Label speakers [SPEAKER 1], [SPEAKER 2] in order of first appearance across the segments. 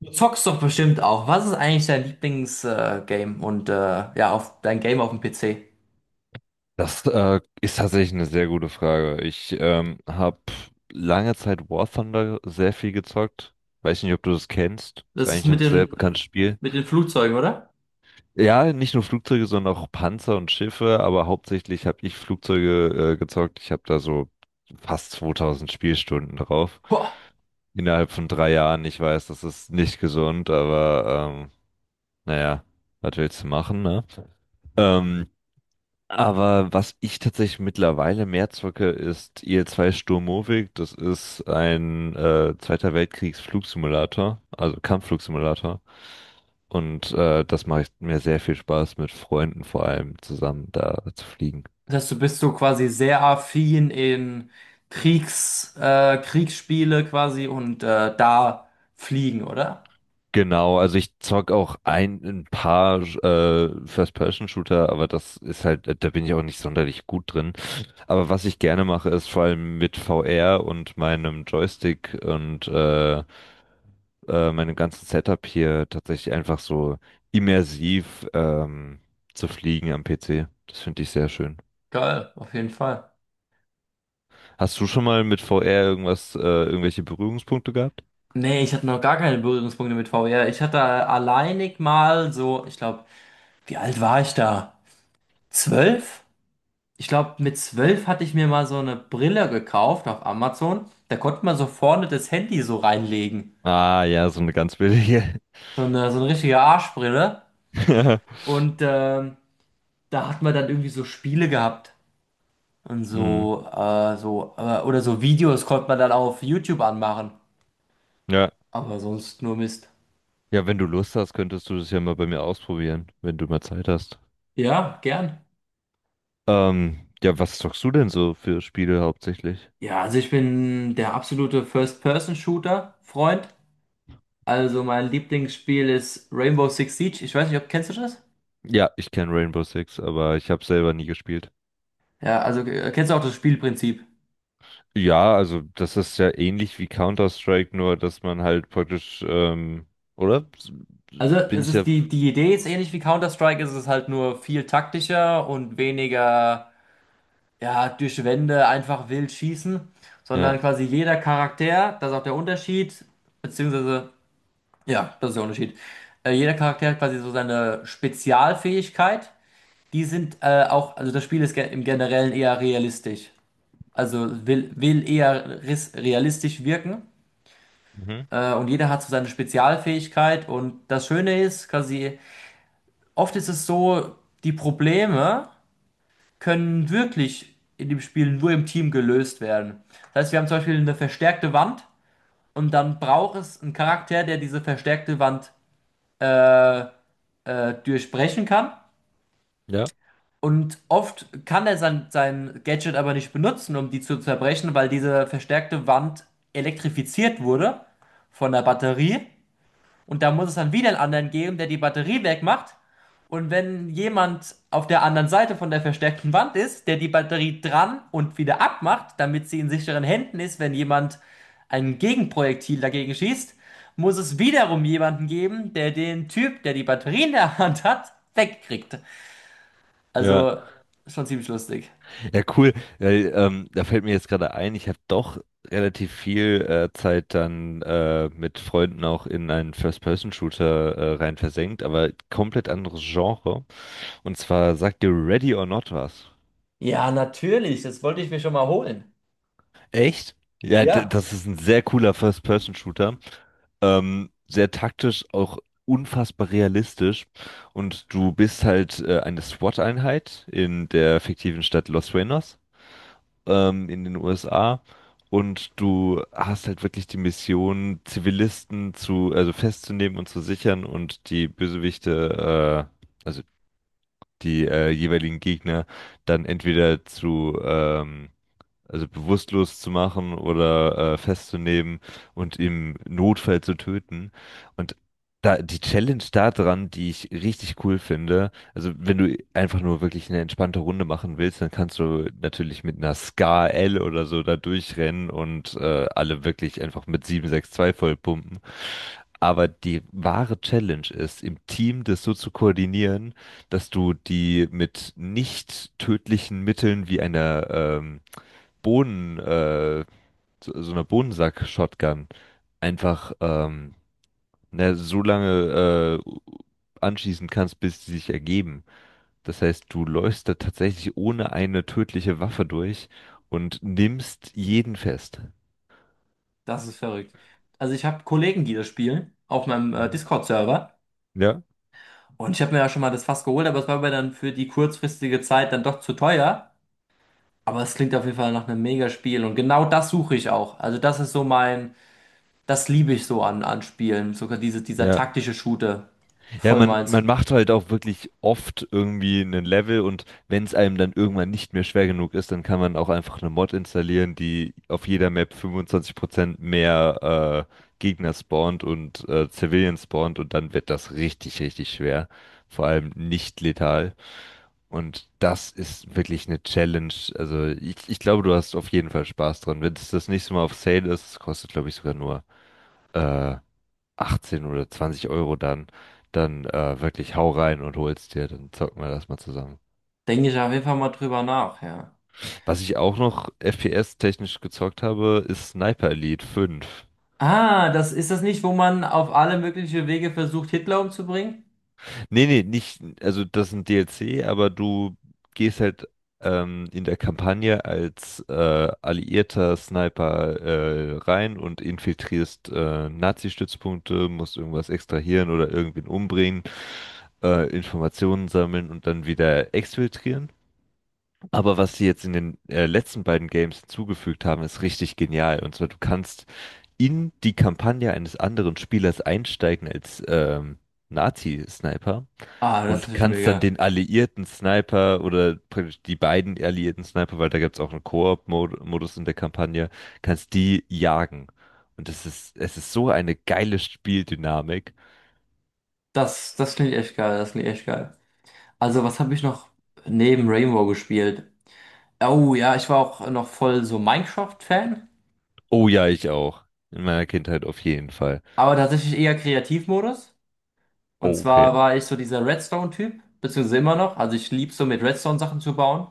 [SPEAKER 1] Du zockst doch bestimmt auch. Was ist eigentlich dein Lieblingsgame Game und ja, auf dein Game auf dem PC?
[SPEAKER 2] Das ist tatsächlich eine sehr gute Frage. Ich habe lange Zeit War Thunder sehr viel gezockt. Weiß nicht, ob du das kennst. Ist
[SPEAKER 1] Das ist
[SPEAKER 2] eigentlich
[SPEAKER 1] mit
[SPEAKER 2] ein sehr
[SPEAKER 1] den
[SPEAKER 2] bekanntes Spiel.
[SPEAKER 1] mit den Flugzeugen, oder?
[SPEAKER 2] Ja, nicht nur Flugzeuge, sondern auch Panzer und Schiffe, aber hauptsächlich habe ich Flugzeuge gezockt. Ich habe da so fast 2000 Spielstunden drauf.
[SPEAKER 1] Boah.
[SPEAKER 2] Innerhalb von 3 Jahren. Ich weiß, das ist nicht gesund, aber naja, was willst du machen, ne? Ähm, Aber was ich tatsächlich mittlerweile mehr zocke, ist IL-2 Sturmovik. Das ist ein Zweiter Weltkriegsflugsimulator, also Kampfflugsimulator. Und das macht mir sehr viel Spaß, mit Freunden vor allem zusammen da zu fliegen.
[SPEAKER 1] Das heißt, du bist so quasi sehr affin in Kriegsspiele quasi und da fliegen, oder?
[SPEAKER 2] Genau, also ich zock auch ein paar First-Person-Shooter, aber das ist halt, da bin ich auch nicht sonderlich gut drin. Aber was ich gerne mache, ist vor allem mit VR und meinem Joystick und meinem ganzen Setup hier tatsächlich einfach so immersiv zu fliegen am PC. Das finde ich sehr schön.
[SPEAKER 1] Geil, auf jeden Fall.
[SPEAKER 2] Hast du schon mal mit VR irgendwas, irgendwelche Berührungspunkte gehabt?
[SPEAKER 1] Nee, ich hatte noch gar keine Berührungspunkte mit VR. Ich hatte alleinig mal so, ich glaube, wie alt war ich da? 12? Ich glaube, mit 12 hatte ich mir mal so eine Brille gekauft auf Amazon. Da konnte man so vorne das Handy so reinlegen.
[SPEAKER 2] Ah, ja, so eine ganz billige.
[SPEAKER 1] So eine richtige Arschbrille. Und da hat man dann irgendwie so Spiele gehabt. Und
[SPEAKER 2] Mhm.
[SPEAKER 1] so, oder so Videos konnte man dann auf YouTube anmachen.
[SPEAKER 2] Ja.
[SPEAKER 1] Aber sonst nur Mist.
[SPEAKER 2] Ja, wenn du Lust hast, könntest du das ja mal bei mir ausprobieren, wenn du mal Zeit hast.
[SPEAKER 1] Ja, gern.
[SPEAKER 2] Ja, was zockst du denn so für Spiele hauptsächlich?
[SPEAKER 1] Ja, also ich bin der absolute First-Person-Shooter-Freund. Also mein Lieblingsspiel ist Rainbow Six Siege. Ich weiß nicht, ob kennst du das?
[SPEAKER 2] Ja, ich kenne Rainbow Six, aber ich habe selber nie gespielt.
[SPEAKER 1] Ja, also kennst du auch das Spielprinzip?
[SPEAKER 2] Ja, also das ist ja ähnlich wie Counter-Strike, nur dass man halt praktisch, oder?
[SPEAKER 1] Also
[SPEAKER 2] Bin
[SPEAKER 1] es
[SPEAKER 2] ich ja,
[SPEAKER 1] ist die Idee ist ähnlich wie Counter-Strike, es ist halt nur viel taktischer und weniger ja, durch Wände einfach wild schießen,
[SPEAKER 2] ja,
[SPEAKER 1] sondern quasi jeder Charakter, das ist auch der Unterschied, beziehungsweise, ja, das ist der Unterschied. Jeder Charakter hat quasi so seine Spezialfähigkeit. Die sind auch, also das Spiel ist im Generellen eher realistisch. Also will eher realistisch wirken.
[SPEAKER 2] mhm.
[SPEAKER 1] Und jeder hat so seine Spezialfähigkeit. Und das Schöne ist, quasi. Oft ist es so, die Probleme können wirklich in dem Spiel nur im Team gelöst werden. Das heißt, wir haben zum Beispiel eine verstärkte Wand und dann braucht es einen Charakter, der diese verstärkte Wand durchbrechen kann.
[SPEAKER 2] Ja,
[SPEAKER 1] Und oft kann er sein Gadget aber nicht benutzen, um die zu zerbrechen, weil diese verstärkte Wand elektrifiziert wurde von der Batterie. Und da muss es dann wieder einen anderen geben, der die Batterie wegmacht. Und wenn jemand auf der anderen Seite von der verstärkten Wand ist, der die Batterie dran und wieder abmacht, damit sie in sicheren Händen ist, wenn jemand ein Gegenprojektil dagegen schießt, muss es wiederum jemanden geben, der den Typ, der die Batterie in der Hand hat, wegkriegt.
[SPEAKER 2] ja,
[SPEAKER 1] Also schon ziemlich lustig.
[SPEAKER 2] ja, cool. Weil, da fällt mir jetzt gerade ein, ich habe doch relativ viel Zeit dann mit Freunden auch in einen First-Person-Shooter rein versenkt, aber komplett anderes Genre. Und zwar sagt dir Ready or Not was.
[SPEAKER 1] Ja, natürlich, das wollte ich mir schon mal holen.
[SPEAKER 2] Echt? Ja,
[SPEAKER 1] Ja,
[SPEAKER 2] das ist ein sehr cooler First-Person-Shooter. Sehr taktisch, auch unfassbar realistisch. Und du bist halt eine SWAT-Einheit in der fiktiven Stadt Los Sueños, in den USA. Und du hast halt wirklich die Mission, Zivilisten zu, also festzunehmen und zu sichern und die Bösewichte, also die jeweiligen Gegner dann entweder zu also bewusstlos zu machen oder festzunehmen und im Notfall zu töten. Und da, die Challenge da dran, die ich richtig cool finde, also wenn du einfach nur wirklich eine entspannte Runde machen willst, dann kannst du natürlich mit einer Scar L oder so da durchrennen und alle wirklich einfach mit 7,62 vollpumpen. Aber die wahre Challenge ist, im Team das so zu koordinieren, dass du die mit nicht tödlichen Mitteln wie einer Bohnen, äh, so, so einer Bohnensack-Shotgun einfach ne, so lange anschießen kannst, bis sie sich ergeben. Das heißt, du läufst da tatsächlich ohne eine tödliche Waffe durch und nimmst jeden fest.
[SPEAKER 1] das ist verrückt. Also ich habe Kollegen, die das spielen, auf meinem
[SPEAKER 2] Mhm.
[SPEAKER 1] Discord-Server.
[SPEAKER 2] Ja?
[SPEAKER 1] Und ich habe mir ja schon mal das Fass geholt, aber es war mir dann für die kurzfristige Zeit dann doch zu teuer. Aber es klingt auf jeden Fall nach einem Mega-Spiel. Und genau das suche ich auch. Also das ist so mein, das liebe ich so an Spielen. Sogar dieser
[SPEAKER 2] Ja.
[SPEAKER 1] taktische Shooter.
[SPEAKER 2] Ja,
[SPEAKER 1] Voll
[SPEAKER 2] man,
[SPEAKER 1] meins.
[SPEAKER 2] man macht halt auch wirklich oft irgendwie einen Level und wenn es einem dann irgendwann nicht mehr schwer genug ist, dann kann man auch einfach eine Mod installieren, die auf jeder Map 25% mehr Gegner spawnt und Civilians spawnt und dann wird das richtig, richtig schwer. Vor allem nicht letal. Und das ist wirklich eine Challenge. Also ich glaube, du hast auf jeden Fall Spaß dran. Wenn es das nächste Mal auf Sale ist, kostet, glaube ich, sogar nur äh, 18 oder 20 Euro, dann wirklich hau rein und hol's dir, dann zocken wir das mal zusammen.
[SPEAKER 1] Denke ich auf jeden Fall mal drüber nach, ja.
[SPEAKER 2] Was ich auch noch FPS-technisch gezockt habe, ist Sniper Elite 5.
[SPEAKER 1] Ah, das ist das nicht, wo man auf alle möglichen Wege versucht, Hitler umzubringen?
[SPEAKER 2] Nee, nee, nicht, also das ist ein DLC, aber du gehst halt in der Kampagne als alliierter Sniper rein und infiltrierst Nazi-Stützpunkte, musst irgendwas extrahieren oder irgendwen umbringen, Informationen sammeln und dann wieder exfiltrieren. Aber was sie jetzt in den letzten beiden Games hinzugefügt haben, ist richtig genial. Und zwar, du kannst in die Kampagne eines anderen Spielers einsteigen als Nazi-Sniper
[SPEAKER 1] Ah, das ist
[SPEAKER 2] und
[SPEAKER 1] natürlich
[SPEAKER 2] kannst dann
[SPEAKER 1] mega.
[SPEAKER 2] den alliierten Sniper oder praktisch die beiden alliierten Sniper, weil da gibt's auch einen Koop-Modus in der Kampagne, kannst die jagen. Und es ist so eine geile Spieldynamik.
[SPEAKER 1] Das klingt echt geil, das klingt echt geil. Also, was habe ich noch neben Rainbow gespielt? Oh ja, ich war auch noch voll so Minecraft-Fan,
[SPEAKER 2] Oh ja, ich auch. In meiner Kindheit auf jeden Fall.
[SPEAKER 1] aber tatsächlich eher Kreativmodus. Und
[SPEAKER 2] Oh, okay.
[SPEAKER 1] zwar war ich so dieser Redstone-Typ, beziehungsweise immer noch. Also ich lieb so mit Redstone Sachen zu bauen.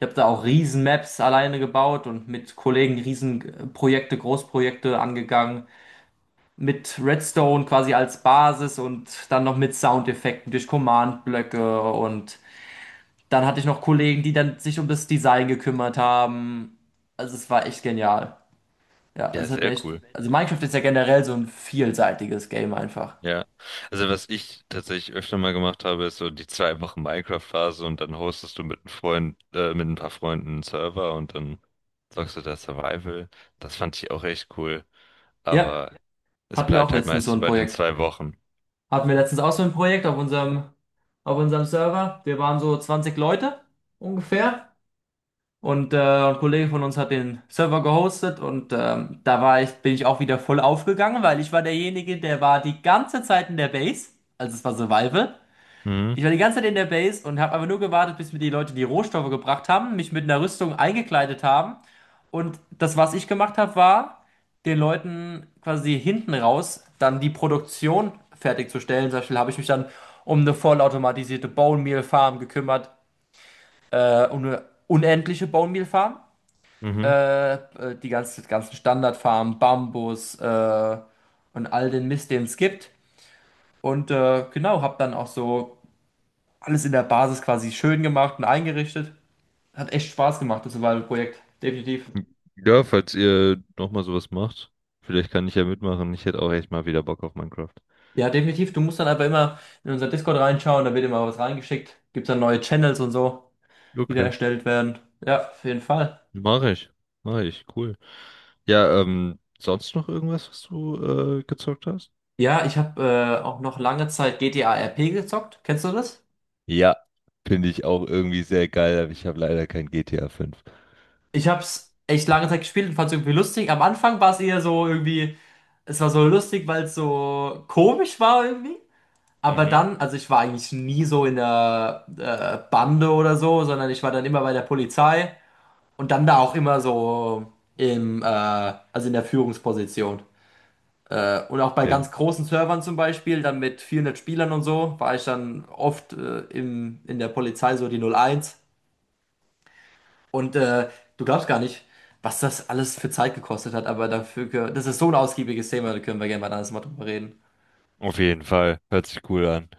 [SPEAKER 1] Ich habe da auch riesen Maps alleine gebaut und mit Kollegen riesen Großprojekte angegangen. Mit Redstone quasi als Basis und dann noch mit Soundeffekten durch Command-Blöcke. Und dann hatte ich noch Kollegen, die dann sich um das Design gekümmert haben. Also es war echt genial. Ja, also
[SPEAKER 2] Ja,
[SPEAKER 1] es hat mir
[SPEAKER 2] sehr
[SPEAKER 1] echt.
[SPEAKER 2] cool.
[SPEAKER 1] Also Minecraft ist ja generell so ein vielseitiges Game einfach.
[SPEAKER 2] Ja, also was ich tatsächlich öfter mal gemacht habe, ist so die 2 Wochen Minecraft-Phase und dann hostest du mit einem Freund, mit ein paar Freunden einen Server und dann zockst du da Survival. Das fand ich auch echt cool,
[SPEAKER 1] Ja,
[SPEAKER 2] aber es
[SPEAKER 1] hatten wir auch
[SPEAKER 2] bleibt halt
[SPEAKER 1] letztens so
[SPEAKER 2] meistens
[SPEAKER 1] ein
[SPEAKER 2] bei den
[SPEAKER 1] Projekt.
[SPEAKER 2] 2 Wochen.
[SPEAKER 1] Hatten wir letztens auch so ein Projekt auf unserem Server. Wir waren so 20 Leute ungefähr. Und ein Kollege von uns hat den Server gehostet und da bin ich auch wieder voll aufgegangen, weil ich war derjenige, der war die ganze Zeit in der Base. Also es war Survival.
[SPEAKER 2] Mhm,
[SPEAKER 1] Ich war die ganze Zeit in der Base und habe einfach nur gewartet, bis mir die Leute die Rohstoffe gebracht haben, mich mit einer Rüstung eingekleidet haben. Und das, was ich gemacht habe, war, den Leuten quasi hinten raus dann die Produktion fertigzustellen. Zum Beispiel habe ich mich dann um eine vollautomatisierte Bone Meal Farm gekümmert, um eine unendliche Bone Meal Farm.
[SPEAKER 2] mhm.
[SPEAKER 1] Die ganzen Standardfarmen, Bambus und all den Mist, den es gibt. Und genau, habe dann auch so alles in der Basis quasi schön gemacht und eingerichtet. Hat echt Spaß gemacht, das war ein Projekt, definitiv.
[SPEAKER 2] Ja, falls ihr nochmal sowas macht, vielleicht kann ich ja mitmachen. Ich hätte auch echt mal wieder Bock auf Minecraft.
[SPEAKER 1] Ja, definitiv. Du musst dann aber immer in unser Discord reinschauen, da wird immer was reingeschickt. Gibt dann neue Channels und so, die da
[SPEAKER 2] Okay,
[SPEAKER 1] erstellt werden. Ja, auf jeden Fall.
[SPEAKER 2] mach ich, mach ich, cool. Ja, sonst noch irgendwas, was du gezockt hast?
[SPEAKER 1] Ja, ich habe auch noch lange Zeit GTA RP gezockt. Kennst du das?
[SPEAKER 2] Ja, finde ich auch irgendwie sehr geil, aber ich habe leider kein GTA 5.
[SPEAKER 1] Ich hab's echt lange Zeit gespielt und fand's irgendwie lustig. Am Anfang war es eher so irgendwie, es war so lustig, weil es so komisch war irgendwie. Aber
[SPEAKER 2] Mhm.
[SPEAKER 1] dann, also ich war eigentlich nie so in der Bande oder so, sondern ich war dann immer bei der Polizei. Und dann da auch immer so also in der Führungsposition. Und auch bei
[SPEAKER 2] Okay.
[SPEAKER 1] ganz großen Servern zum Beispiel, dann mit 400 Spielern und so, war ich dann oft in der Polizei so die 01. Und du glaubst gar nicht, was das alles für Zeit gekostet hat, aber dafür, das ist so ein ausgiebiges Thema, da können wir gerne mal ein anderes Mal drüber reden.
[SPEAKER 2] Auf jeden Fall. Hört sich cool an.